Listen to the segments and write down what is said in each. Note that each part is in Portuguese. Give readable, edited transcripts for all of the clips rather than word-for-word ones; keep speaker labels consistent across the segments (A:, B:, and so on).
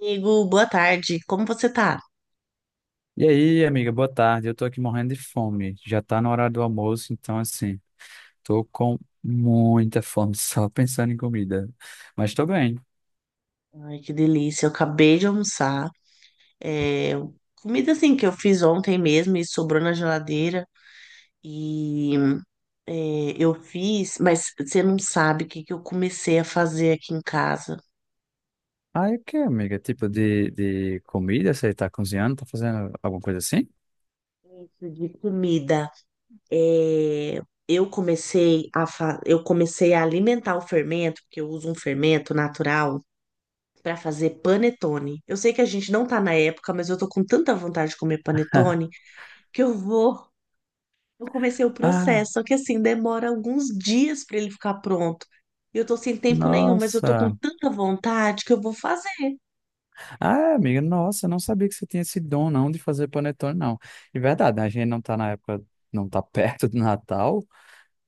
A: Amigo, boa tarde. Como você tá?
B: E aí, amiga, boa tarde. Eu tô aqui morrendo de fome. Já tá na hora do almoço, então assim, tô com muita fome só pensando em comida. Mas tô bem.
A: Ai, que delícia. Eu acabei de almoçar. É, comida assim que eu fiz ontem mesmo e sobrou na geladeira. E eu fiz, mas você não sabe o que que eu comecei a fazer aqui em casa.
B: Ah, e o que, amiga? Tipo de comida? Você tá cozinhando? Tá fazendo alguma coisa assim?
A: Isso. De comida. É, eu comecei eu comecei a alimentar o fermento, porque eu uso um fermento natural para fazer panetone. Eu sei que a gente não tá na época, mas eu tô com tanta vontade de comer panetone que eu vou. Eu comecei o
B: Ah,
A: processo, só que assim, demora alguns dias para ele ficar pronto. Eu tô sem tempo nenhum, mas eu tô com
B: nossa.
A: tanta vontade que eu vou fazer.
B: Ah, amiga, nossa, eu não sabia que você tinha esse dom não de fazer panetone, não. É verdade, né? A gente não tá na época, não tá perto do Natal.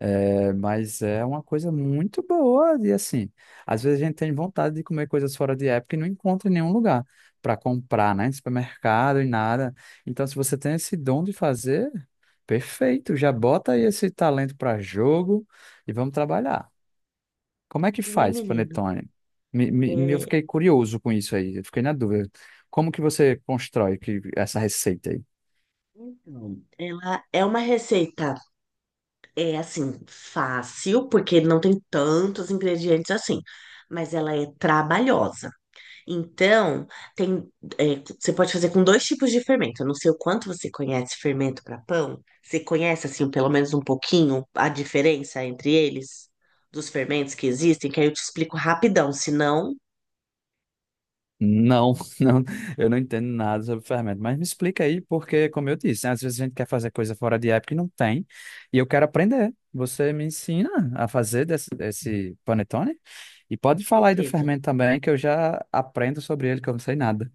B: É, mas é uma coisa muito boa e assim, às vezes a gente tem vontade de comer coisas fora de época e não encontra em nenhum lugar para comprar, né? Em supermercado e nada. Então, se você tem esse dom de fazer, perfeito, já bota aí esse talento para jogo e vamos trabalhar. Como é que
A: E,
B: faz,
A: menino,
B: panetone? Eu
A: é,
B: fiquei curioso com isso aí, eu fiquei na dúvida. Como que você constrói que, essa receita aí?
A: então, ela é uma receita, é assim, fácil, porque não tem tantos ingredientes assim, mas ela é trabalhosa. Então, tem, você pode fazer com dois tipos de fermento. Eu não sei o quanto você conhece fermento para pão. Você conhece, assim, pelo menos um pouquinho a diferença entre eles, dos fermentos que existem, que aí eu te explico rapidão, se não, com
B: Não, não, eu não entendo nada sobre fermento, mas me explica aí, porque, como eu disse, né, às vezes a gente quer fazer coisa fora de época e não tem, e eu quero aprender. Você me ensina a fazer desse panetone? E pode falar aí do
A: certeza.
B: fermento também, que eu já aprendo sobre ele, que eu não sei nada.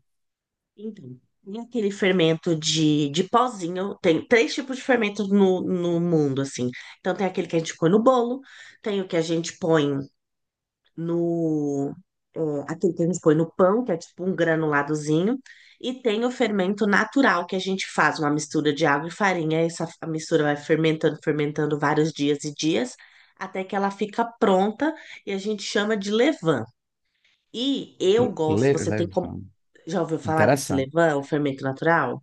A: Então, tem aquele fermento de pozinho. Tem três tipos de fermento no mundo, assim. Então, tem aquele que a gente põe no bolo, tem o que a gente põe no. é, aquele que a gente põe no pão, que é tipo um granuladozinho, e tem o fermento natural, que a gente faz uma mistura de água e farinha. Essa a mistura vai fermentando, fermentando vários dias e dias, até que ela fica pronta e a gente chama de levain. E eu gosto, você tem como.
B: Levan.
A: Já ouviu falar desse
B: Interessante.
A: levain, o fermento natural?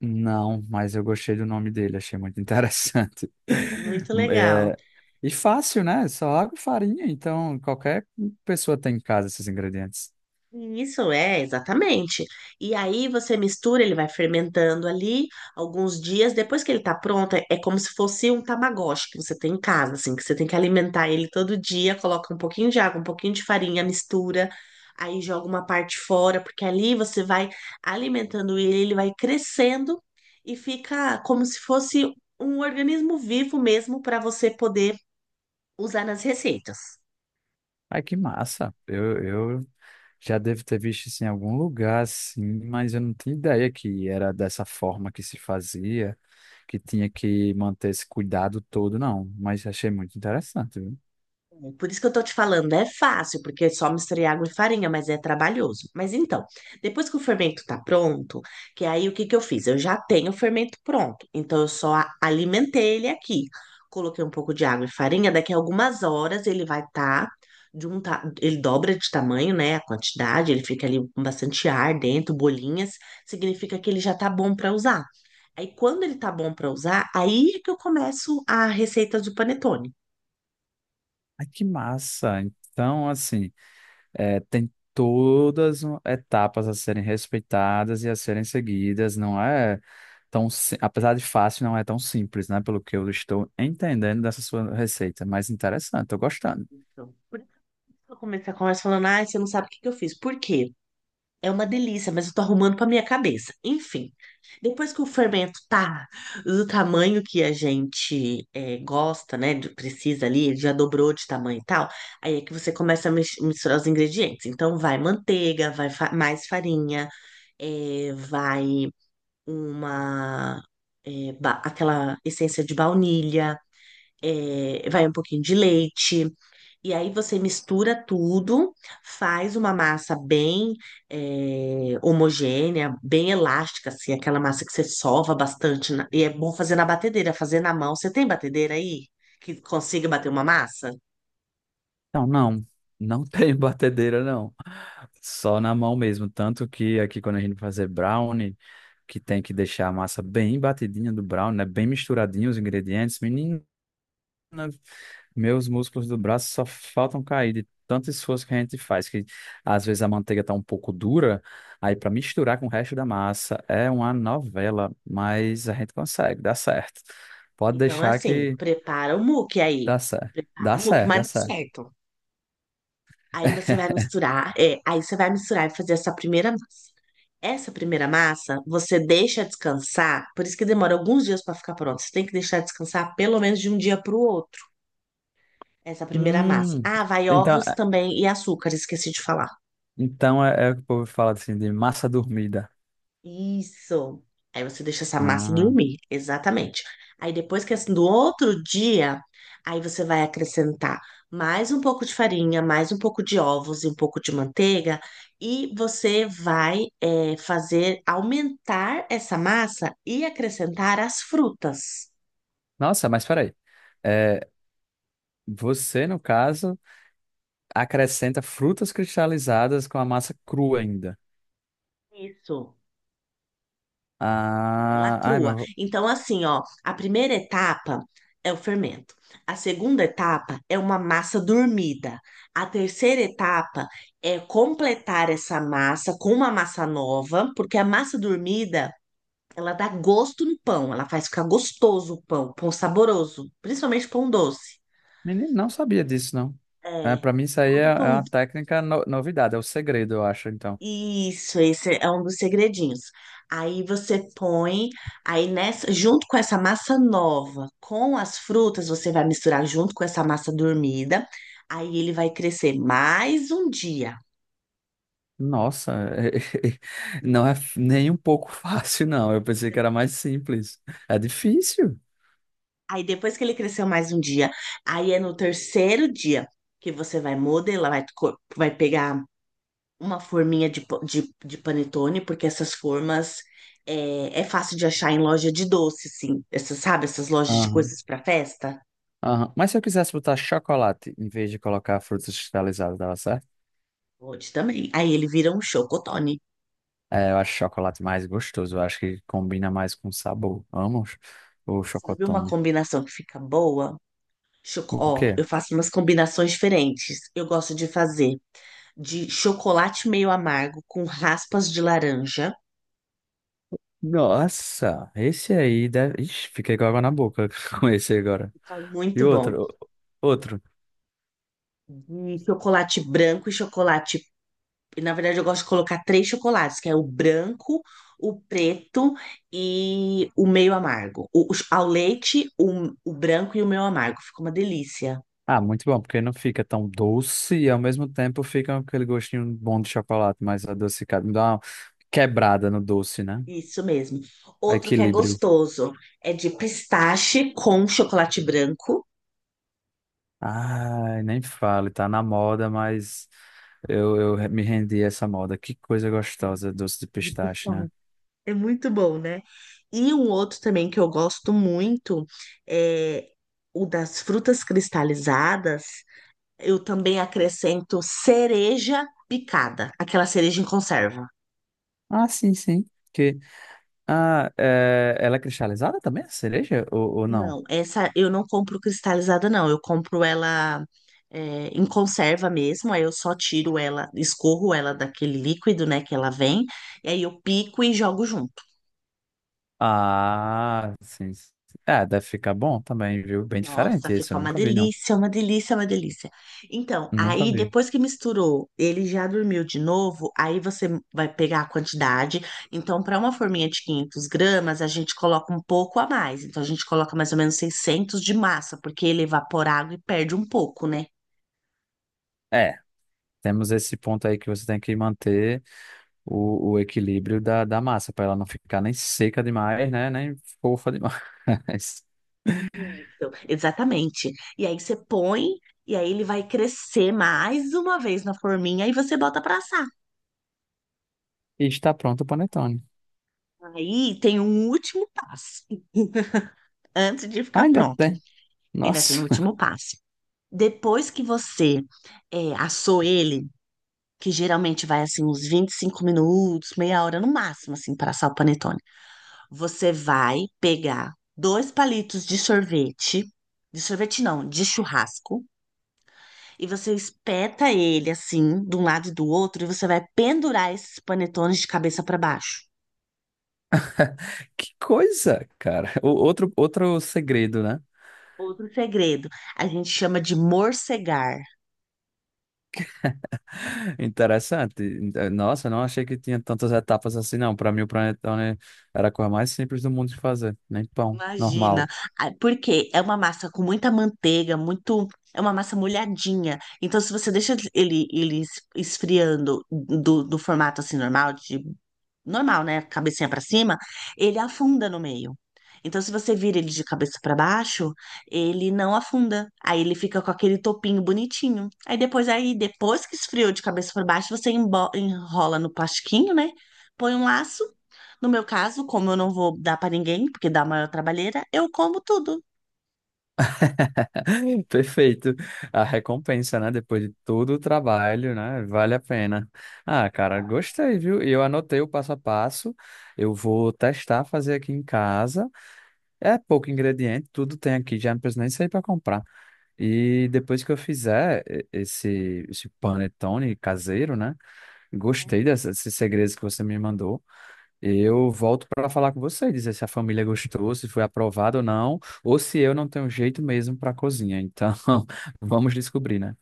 B: Não, mas eu gostei do nome dele, achei muito interessante.
A: É muito legal.
B: É, e fácil, né? Só água e farinha, então qualquer pessoa tem em casa esses ingredientes.
A: Isso é, exatamente. E aí você mistura, ele vai fermentando ali alguns dias. Depois que ele tá pronto, é como se fosse um tamagotchi que você tem em casa, assim, que você tem que alimentar ele todo dia, coloca um pouquinho de água, um pouquinho de farinha, mistura, aí joga uma parte fora, porque ali você vai alimentando ele, ele vai crescendo e fica como se fosse um organismo vivo mesmo para você poder usar nas receitas.
B: Ai, que massa. Eu já devo ter visto isso em algum lugar, assim, mas eu não tinha ideia que era dessa forma que se fazia, que tinha que manter esse cuidado todo, não. Mas achei muito interessante, viu?
A: É por isso que eu tô te falando, é fácil, porque é só misturar água e farinha, mas é trabalhoso. Mas então, depois que o fermento tá pronto, que aí o que que eu fiz? Eu já tenho o fermento pronto, então eu só alimentei ele aqui. Coloquei um pouco de água e farinha, daqui a algumas horas ele vai estar de um ta... ele dobra de tamanho, né, a quantidade, ele fica ali com bastante ar dentro, bolinhas, significa que ele já tá bom para usar. Aí quando ele tá bom para usar, aí é que eu começo a receita do panetone.
B: Ai, que massa. Então, assim, é, tem todas etapas a serem respeitadas e a serem seguidas. Não é tão, apesar de fácil, não é tão simples, né? Pelo que eu estou entendendo dessa sua receita, mas interessante, tô gostando.
A: Então, eu comecei a conversa falando, ai, você não sabe o que que eu fiz. Por quê? É uma delícia, mas eu tô arrumando pra minha cabeça. Enfim, depois que o fermento tá do tamanho que a gente gosta, né? Precisa ali, ele já dobrou de tamanho e tal. Aí é que você começa a misturar os ingredientes. Então, vai manteiga, vai mais farinha, vai uma... aquela essência de baunilha, vai um pouquinho de leite. E aí você mistura tudo, faz uma massa bem homogênea, bem elástica, assim, aquela massa que você sova bastante. E é bom fazer na batedeira, fazer na mão. Você tem batedeira aí que consiga bater uma massa?
B: Então, não, não tem batedeira, não. Só na mão mesmo. Tanto que aqui quando a gente vai fazer brownie, que tem que deixar a massa bem batidinha do brownie, né? Bem misturadinho os ingredientes. Menina, meus músculos do braço só faltam cair de tanto esforço que a gente faz, que às vezes a manteiga tá um pouco dura, aí para misturar com o resto da massa é uma novela, mas a gente consegue, dá certo. Pode
A: Então, é
B: deixar
A: assim,
B: que
A: prepara o muque aí.
B: dá certo.
A: Prepara
B: Dá
A: o muque,
B: certo,
A: mas
B: dá
A: dá
B: certo.
A: certo. Aí você vai misturar, e fazer essa primeira massa. Essa primeira massa você deixa descansar, por isso que demora alguns dias para ficar pronto. Você tem que deixar descansar pelo menos de um dia para o outro. Essa primeira massa.
B: Hum,
A: Ah, vai
B: então.
A: ovos também e açúcar, esqueci de falar.
B: Então é, é o que o povo fala assim de massa dormida.
A: Isso. Aí você deixa essa massa
B: Ah,
A: dormir, exatamente. Aí depois que assim, do outro dia, aí você vai acrescentar mais um pouco de farinha, mais um pouco de ovos e um pouco de manteiga, e você vai fazer aumentar essa massa e acrescentar as frutas.
B: nossa, mas peraí. É, você, no caso, acrescenta frutas cristalizadas com a massa crua ainda.
A: Isso. Ela
B: Ah, ai,
A: crua.
B: meu.
A: Então, assim, ó, a primeira etapa é o fermento. A segunda etapa é uma massa dormida. A terceira etapa é completar essa massa com uma massa nova, porque a massa dormida, ela dá gosto no pão, ela faz ficar gostoso o pão, pão saboroso, principalmente pão doce.
B: Menino, não sabia disso, não. É,
A: É,
B: para mim, isso aí é, é
A: todo pão
B: uma técnica novidade, é o segredo, eu acho, então.
A: Isso, esse é um dos segredinhos. Aí você põe, aí nessa, junto com essa massa nova, com as frutas, você vai misturar junto com essa massa dormida. Aí ele vai crescer mais um dia.
B: Nossa, não é nem um pouco fácil, não. Eu pensei que era mais simples. É difícil.
A: Aí depois que ele cresceu mais um dia, aí é no terceiro dia que você vai modelar, vai pegar uma forminha de panetone, porque essas formas é fácil de achar em loja de doce, assim. Essas, sabe, essas lojas de
B: Aham,
A: coisas para festa.
B: aham. Mas se eu quisesse botar chocolate em vez de colocar frutas cristalizadas, dava certo?
A: Pode também. Aí ele vira um chocotone.
B: É, eu acho chocolate mais gostoso. Eu acho que combina mais com sabor. Vamos? O
A: Sabe uma
B: chocotone.
A: combinação que fica boa? Choco...
B: O
A: Ó,
B: quê?
A: eu faço umas combinações diferentes. Eu gosto de fazer de chocolate meio amargo com raspas de laranja.
B: Nossa, esse aí deve... Ixi, fiquei com água na boca com esse agora.
A: Fica
B: E
A: muito bom.
B: outro? Outro.
A: De chocolate branco e chocolate. Na verdade, eu gosto de colocar três chocolates, que é o branco, o preto e o meio amargo. Ao leite, o branco e o meio amargo. Fica uma delícia.
B: Ah, muito bom, porque não fica tão doce e ao mesmo tempo fica aquele gostinho bom de chocolate, mais adocicado. Me dá uma quebrada no doce, né?
A: Isso mesmo. Outro que é
B: Equilíbrio.
A: gostoso é de pistache com chocolate branco.
B: Ai, nem fale, tá na moda, mas eu me rendi a essa moda. Que coisa gostosa, doce de
A: Muito
B: pistache,
A: bom.
B: né?
A: É muito bom, né? E um outro também que eu gosto muito é o das frutas cristalizadas. Eu também acrescento cereja picada, aquela cereja em conserva.
B: Ah, sim, sim. Que, ah, é, ela é cristalizada também, a cereja? Ou não?
A: Não, essa eu não compro cristalizada, não. Eu compro ela em conserva mesmo. Aí eu só tiro ela, escorro ela daquele líquido, né, que ela vem. E aí eu pico e jogo junto.
B: Ah, sim, sim. É, deve ficar bom também, viu? Bem
A: Nossa,
B: diferente esse,
A: fica
B: eu
A: uma
B: nunca vi, não.
A: delícia, uma delícia, uma delícia. Então,
B: Nunca
A: aí
B: vi.
A: depois que misturou, ele já dormiu de novo. Aí você vai pegar a quantidade. Então, para uma forminha de 500 g, a gente coloca um pouco a mais. Então, a gente coloca mais ou menos 600 de massa, porque ele evapora água e perde um pouco, né?
B: É, temos esse ponto aí que você tem que manter o equilíbrio da massa, para ela não ficar nem seca demais, né? Nem fofa demais.
A: Isso, exatamente. E aí você põe, e aí ele vai crescer mais uma vez na forminha e você bota pra assar.
B: E está pronto o panetone.
A: Aí tem um último passo, antes de
B: Ah,
A: ficar
B: ainda
A: pronto.
B: tem.
A: Ainda tem o
B: Nossa,
A: último passo. Depois que você assou ele, que geralmente vai assim uns 25 minutos, meia hora no máximo, assim, para assar o panetone. Você vai pegar dois palitos de sorvete não, de churrasco. E você espeta ele assim, de um lado e do outro, e você vai pendurar esses panetones de cabeça para baixo.
B: que coisa, cara. O, outro, outro segredo, né?
A: Outro segredo, a gente chama de morcegar.
B: Interessante. Nossa, não achei que tinha tantas etapas assim, não. Para mim, o panetone era a coisa mais simples do mundo de fazer. Nem pão,
A: Imagina.
B: normal.
A: Ah, porque é uma massa com muita manteiga, muito, é uma massa molhadinha. Então, se você deixa ele, ele esfriando do formato assim normal de normal, né? Cabecinha pra cima, ele afunda no meio. Então, se você vira ele de cabeça pra baixo, ele não afunda. Aí ele fica com aquele topinho bonitinho. Aí depois que esfriou de cabeça pra baixo, você enrola no plastiquinho, né? Põe um laço. No meu caso, como eu não vou dar pra ninguém, porque dá maior trabalheira, eu como tudo.
B: Perfeito. A recompensa, né? Depois de todo o trabalho, né? Vale a pena. Ah, cara, gostei, viu? E eu anotei o passo a passo. Eu vou testar fazer aqui em casa. É pouco ingrediente, tudo tem aqui, já não preciso nem sair para comprar. E depois que eu fizer esse, esse panetone caseiro, né? Gostei desses segredos que você me mandou. Eu volto para falar com você, dizer se a família gostou, se foi aprovado ou não, ou se eu não tenho jeito mesmo para cozinha. Então, vamos descobrir, né?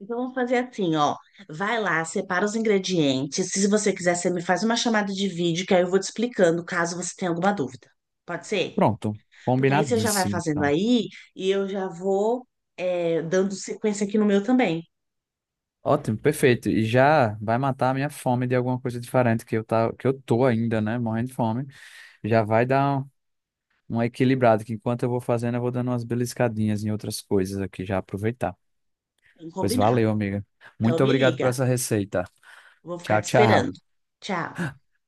A: Então vamos fazer assim, ó. Vai lá, separa os ingredientes. Se você quiser, você me faz uma chamada de vídeo, que aí eu vou te explicando, caso você tenha alguma dúvida. Pode ser?
B: Pronto,
A: Porque aí você já vai
B: combinadíssimo,
A: fazendo
B: então.
A: aí e eu já vou dando sequência aqui no meu também.
B: Ótimo, perfeito. E já vai matar a minha fome de alguma coisa diferente que eu tá, que eu tô ainda, né, morrendo de fome. Já vai dar um, um equilibrado, que enquanto eu vou fazendo, eu vou dando umas beliscadinhas em outras coisas aqui, já aproveitar.
A: Bem
B: Pois
A: combinado.
B: valeu, amiga.
A: Então
B: Muito
A: me
B: obrigado por
A: liga.
B: essa receita.
A: Vou ficar
B: Tchau,
A: te
B: tchau.
A: esperando. Tchau.